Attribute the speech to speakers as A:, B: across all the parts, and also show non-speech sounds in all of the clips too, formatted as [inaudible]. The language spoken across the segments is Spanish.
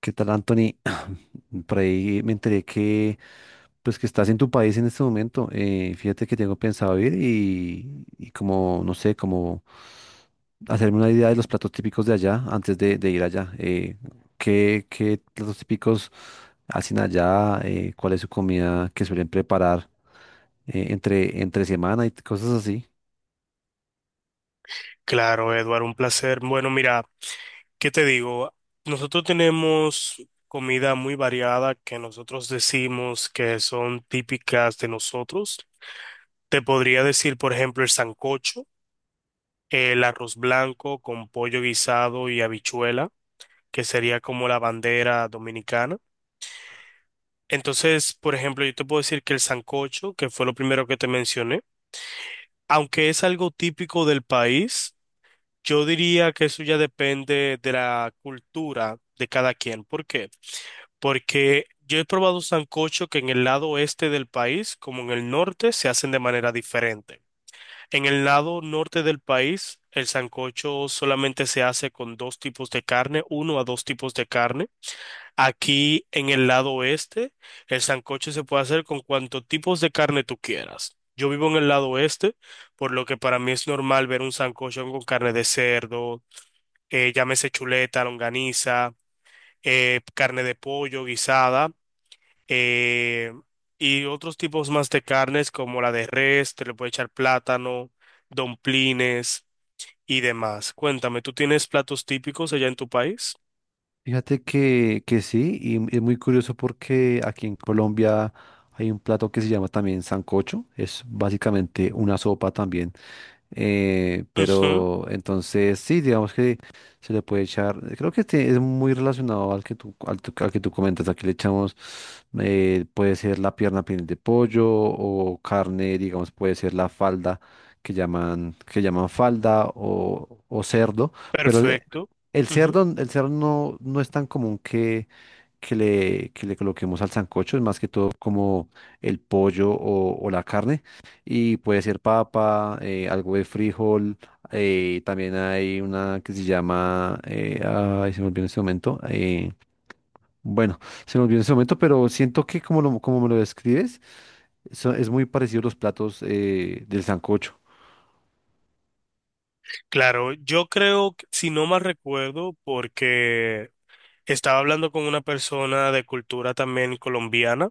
A: ¿Qué tal, Anthony? [clears throat] Por ahí me enteré que, pues, que estás en tu país en este momento. Fíjate que tengo pensado ir y como, no sé, como hacerme una idea de los platos típicos de allá antes de ir allá. ¿Qué platos típicos hacen allá? ¿Cuál es su comida que suelen preparar entre semana y cosas así?
B: Claro, Eduardo, un placer. Bueno, mira, ¿qué te digo? Nosotros tenemos comida muy variada que nosotros decimos que son típicas de nosotros. Te podría decir, por ejemplo, el sancocho, el arroz blanco con pollo guisado y habichuela, que sería como la bandera dominicana. Entonces, por ejemplo, yo te puedo decir que el sancocho, que fue lo primero que te mencioné, aunque es algo típico del país, yo diría que eso ya depende de la cultura de cada quien. ¿Por qué? Porque yo he probado sancocho que en el lado oeste del país, como en el norte, se hacen de manera diferente. En el lado norte del país, el sancocho solamente se hace con dos tipos de carne, uno a dos tipos de carne. Aquí en el lado oeste, el sancocho se puede hacer con cuantos tipos de carne tú quieras. Yo vivo en el lado oeste, por lo que para mí es normal ver un sancocho con carne de cerdo, llámese chuleta, longaniza, carne de pollo guisada, eh, y otros tipos más de carnes como la de res, te le puede echar plátano, domplines y demás. Cuéntame, ¿tú tienes platos típicos allá en tu país?
A: Fíjate que sí, y es muy curioso porque aquí en Colombia hay un plato que se llama también sancocho, es básicamente una sopa también
B: Ujú,
A: pero entonces sí, digamos que se le puede echar, creo que este es muy relacionado al que tú, al que tú comentas, aquí le echamos, puede ser la pierna piel de pollo o carne, digamos, puede ser la falda que llaman falda o cerdo, pero
B: perfecto. Ujú.
A: el cerdo no, no es tan común que, que le coloquemos al sancocho, es más que todo como el pollo o la carne y puede ser papa, algo de frijol. Eh, también hay una que se llama, ay, se me olvidó en este momento. Bueno, Se me olvidó en este momento, pero siento que como, como me lo describes, es muy parecido a los platos del sancocho.
B: Claro, yo creo, si no mal recuerdo, porque estaba hablando con una persona de cultura también colombiana,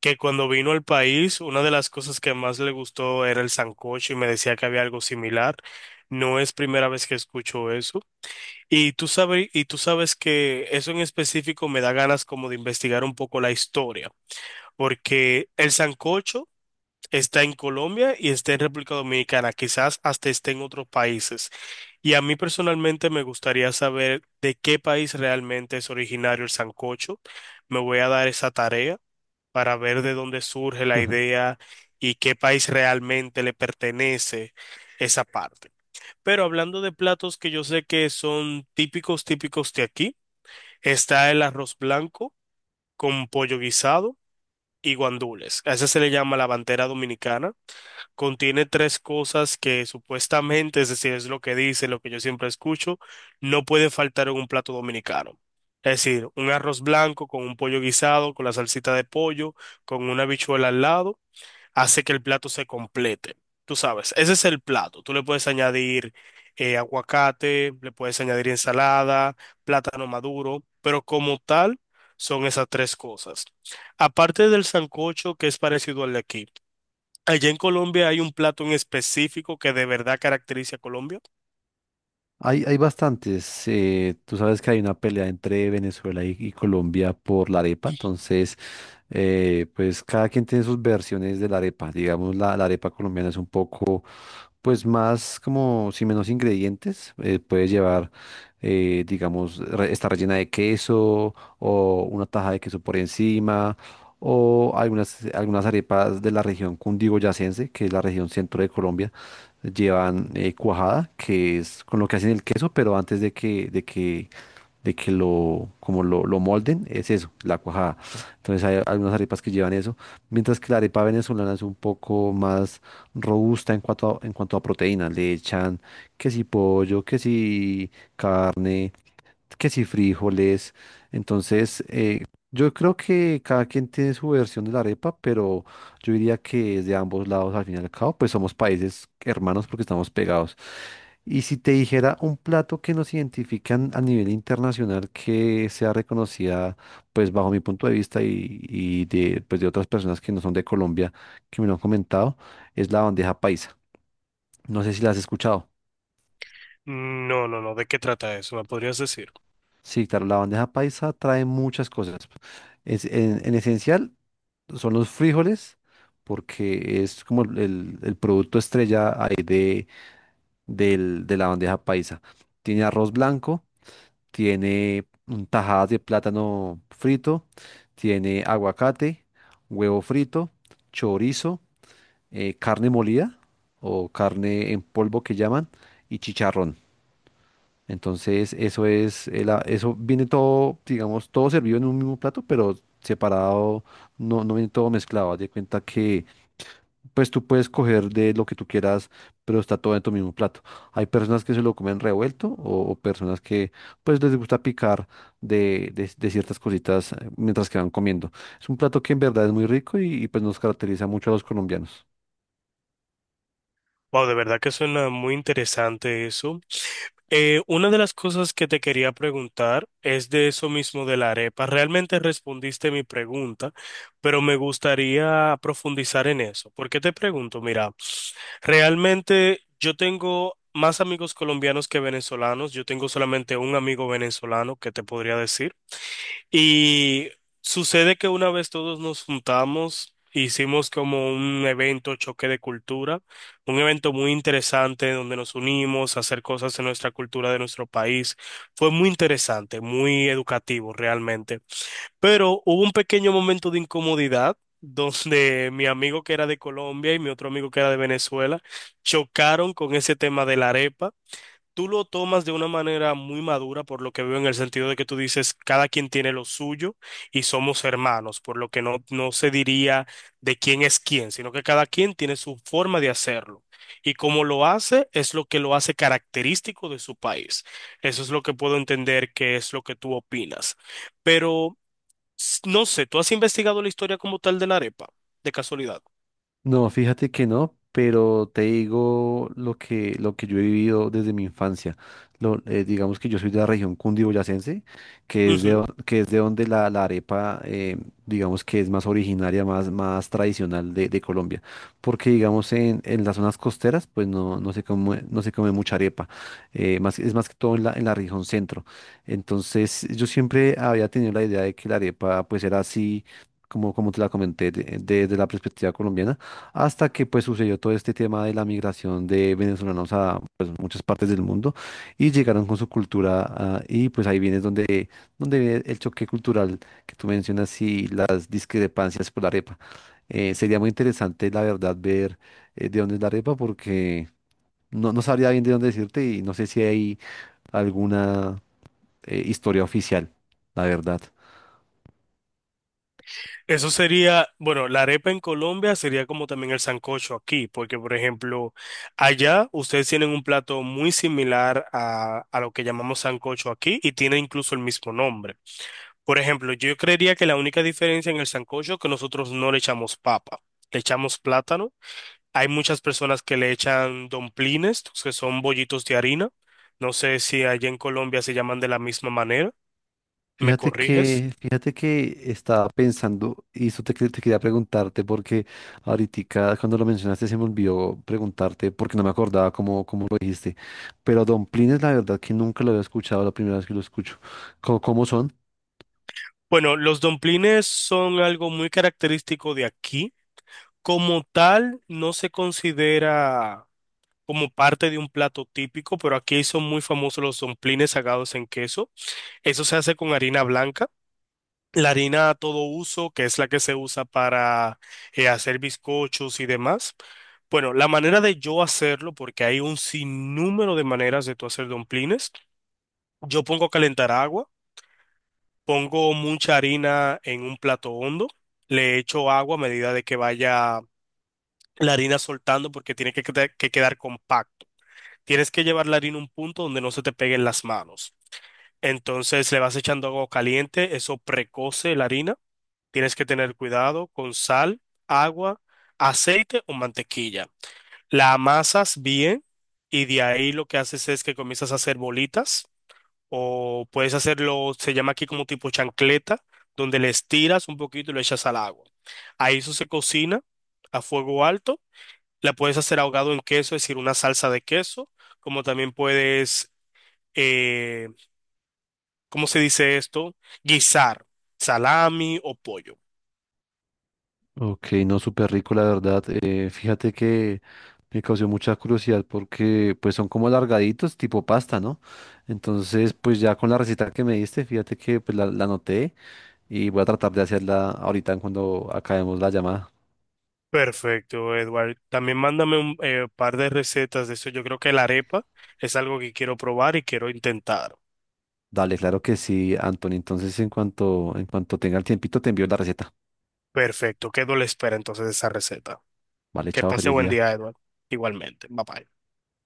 B: que cuando vino al país, una de las cosas que más le gustó era el sancocho y me decía que había algo similar. No es primera vez que escucho eso. Y tú sabes que eso en específico me da ganas como de investigar un poco la historia, porque el sancocho está en Colombia y está en República Dominicana, quizás hasta esté en otros países. Y a mí personalmente me gustaría saber de qué país realmente es originario el sancocho. Me voy a dar esa tarea para ver de dónde surge la
A: [laughs]
B: idea y qué país realmente le pertenece esa parte. Pero hablando de platos que yo sé que son típicos, típicos de aquí, está el arroz blanco con pollo guisado y guandules. A ese se le llama la bandera dominicana. Contiene tres cosas que supuestamente, es decir, es lo que dice, lo que yo siempre escucho, no puede faltar en un plato dominicano. Es decir, un arroz blanco con un pollo guisado, con la salsita de pollo, con una habichuela al lado hace que el plato se complete. Tú sabes, ese es el plato. Tú le puedes añadir aguacate, le puedes añadir ensalada, plátano maduro, pero como tal son esas tres cosas. Aparte del sancocho, que es parecido al de aquí. Allá en Colombia hay un plato en específico que de verdad caracteriza a Colombia.
A: Hay bastantes. Tú sabes que hay una pelea entre Venezuela y Colombia por la arepa. Entonces, pues cada quien tiene sus versiones de la arepa. Digamos, la arepa colombiana es un poco, pues más como, si menos ingredientes, puede llevar, digamos, está rellena de queso o una taja de queso por encima. O algunas, algunas arepas de la región cundiboyacense, que es la región centro de Colombia llevan cuajada, que es con lo que hacen el queso, pero antes de que lo, como lo molden, es eso, la cuajada. Entonces hay algunas arepas que llevan eso, mientras que la arepa venezolana es un poco más robusta en cuanto a proteínas. Le echan que si pollo, que si carne, que si frijoles. Entonces, yo creo que cada quien tiene su versión de la arepa, pero yo diría que es de ambos lados al fin y al cabo, pues somos países hermanos porque estamos pegados. Y si te dijera un plato que nos identifican a nivel internacional que sea reconocida, pues bajo mi punto de vista y de, pues de otras personas que no son de Colombia que me lo han comentado, es la bandeja paisa. No sé si la has escuchado.
B: No, no, no. ¿De qué trata eso? ¿Me podrías decir?
A: Sí, claro, la bandeja paisa trae muchas cosas. Es, en esencial, son los frijoles, porque es como el producto estrella ahí de, de la bandeja paisa. Tiene arroz blanco, tiene tajadas de plátano frito, tiene aguacate, huevo frito, chorizo, carne molida o carne en polvo que llaman, y chicharrón. Entonces, eso es, eso viene todo, digamos, todo servido en un mismo plato, pero separado, no, no viene todo mezclado. Haz de cuenta que pues tú puedes coger de lo que tú quieras, pero está todo en tu mismo plato. Hay personas que se lo comen revuelto o personas que pues les gusta picar de, de ciertas cositas mientras que van comiendo. Es un plato que en verdad es muy rico y, pues nos caracteriza mucho a los colombianos.
B: Wow, de verdad que suena muy interesante eso. Una de las cosas que te quería preguntar es de eso mismo de la arepa. Realmente respondiste mi pregunta, pero me gustaría profundizar en eso. ¿Por qué te pregunto? Mira, realmente yo tengo más amigos colombianos que venezolanos. Yo tengo solamente un amigo venezolano que te podría decir. Y sucede que una vez todos nos juntamos, hicimos como un evento choque de cultura, un evento muy interesante donde nos unimos a hacer cosas de nuestra cultura, de nuestro país. Fue muy interesante, muy educativo realmente. Pero hubo un pequeño momento de incomodidad [laughs] donde mi amigo que era de Colombia y mi otro amigo que era de Venezuela chocaron con ese tema de la arepa. Tú lo tomas de una manera muy madura, por lo que veo, en el sentido de que tú dices, cada quien tiene lo suyo y somos hermanos, por lo que no, no se diría de quién es quién, sino que cada quien tiene su forma de hacerlo. Y como lo hace, es lo que lo hace característico de su país. Eso es lo que puedo entender que es lo que tú opinas. Pero no sé, ¿tú has investigado la historia como tal de la arepa, de casualidad?
A: No, fíjate que no, pero te digo lo que yo he vivido desde mi infancia. Digamos que yo soy de la región cundiboyacense, que es de, que es de donde la arepa, digamos que es más originaria, más, más tradicional de Colombia. Porque digamos en las zonas costeras, pues no, no se come, no se come mucha arepa. Eh, más, es más que todo en la región centro. Entonces yo siempre había tenido la idea de que la arepa pues era así, como, como te la comenté, desde la perspectiva colombiana hasta que pues sucedió todo este tema de la migración de venezolanos a pues, muchas partes del mundo y llegaron con su cultura ah, y pues ahí viene donde, donde viene el choque cultural que tú mencionas y las discrepancias por la arepa. Sería muy interesante la verdad ver de dónde es la arepa porque no, no sabría bien de dónde decirte y no sé si hay alguna historia oficial, la verdad.
B: Eso sería, bueno, la arepa en Colombia sería como también el sancocho aquí, porque por ejemplo, allá ustedes tienen un plato muy similar a lo que llamamos sancocho aquí y tiene incluso el mismo nombre. Por ejemplo, yo creería que la única diferencia en el sancocho es que nosotros no le echamos papa, le echamos plátano. Hay muchas personas que le echan domplines, que son bollitos de harina. No sé si allá en Colombia se llaman de la misma manera. ¿Me corriges?
A: Fíjate que estaba pensando, y eso te, te quería preguntarte, porque ahorita cuando lo mencionaste se me olvidó preguntarte, porque no me acordaba cómo, cómo lo dijiste. Pero Don Plines, la verdad que nunca lo había escuchado, la primera vez que lo escucho. ¿Cómo, cómo son?
B: Bueno, los domplines son algo muy característico de aquí. Como tal, no se considera como parte de un plato típico, pero aquí son muy famosos los domplines sagados en queso. Eso se hace con harina blanca. La harina a todo uso, que es la que se usa para hacer bizcochos y demás. Bueno, la manera de yo hacerlo, porque hay un sinnúmero de maneras de tú hacer domplines, yo pongo a calentar agua. Pongo mucha harina en un plato hondo, le echo agua a medida de que vaya la harina soltando porque tiene que, que quedar compacto. Tienes que llevar la harina a un punto donde no se te peguen las manos. Entonces le vas echando agua caliente, eso precoce la harina. Tienes que tener cuidado con sal, agua, aceite o mantequilla. La amasas bien y de ahí lo que haces es que comienzas a hacer bolitas. O puedes hacerlo, se llama aquí como tipo chancleta, donde le estiras un poquito y lo echas al agua. Ahí eso se cocina a fuego alto. La puedes hacer ahogado en queso, es decir, una salsa de queso, como también puedes, eh, ¿cómo se dice esto? Guisar salami o pollo.
A: Ok, no, súper rico, la verdad. Fíjate que me causó mucha curiosidad porque pues son como alargaditos, tipo pasta, ¿no? Entonces, pues ya con la receta que me diste, fíjate que pues la anoté. Y voy a tratar de hacerla ahorita en cuando acabemos la llamada.
B: Perfecto, Edward. También mándame un par de recetas de eso. Yo creo que la arepa es algo que quiero probar y quiero intentar.
A: Dale, claro que sí, Anthony. Entonces, en cuanto tenga el tiempito, te envío la receta.
B: Perfecto, quedo a la espera entonces de esa receta.
A: Vale,
B: Que
A: chao,
B: pase
A: feliz
B: buen
A: día.
B: día, Edward. Igualmente. Bye bye.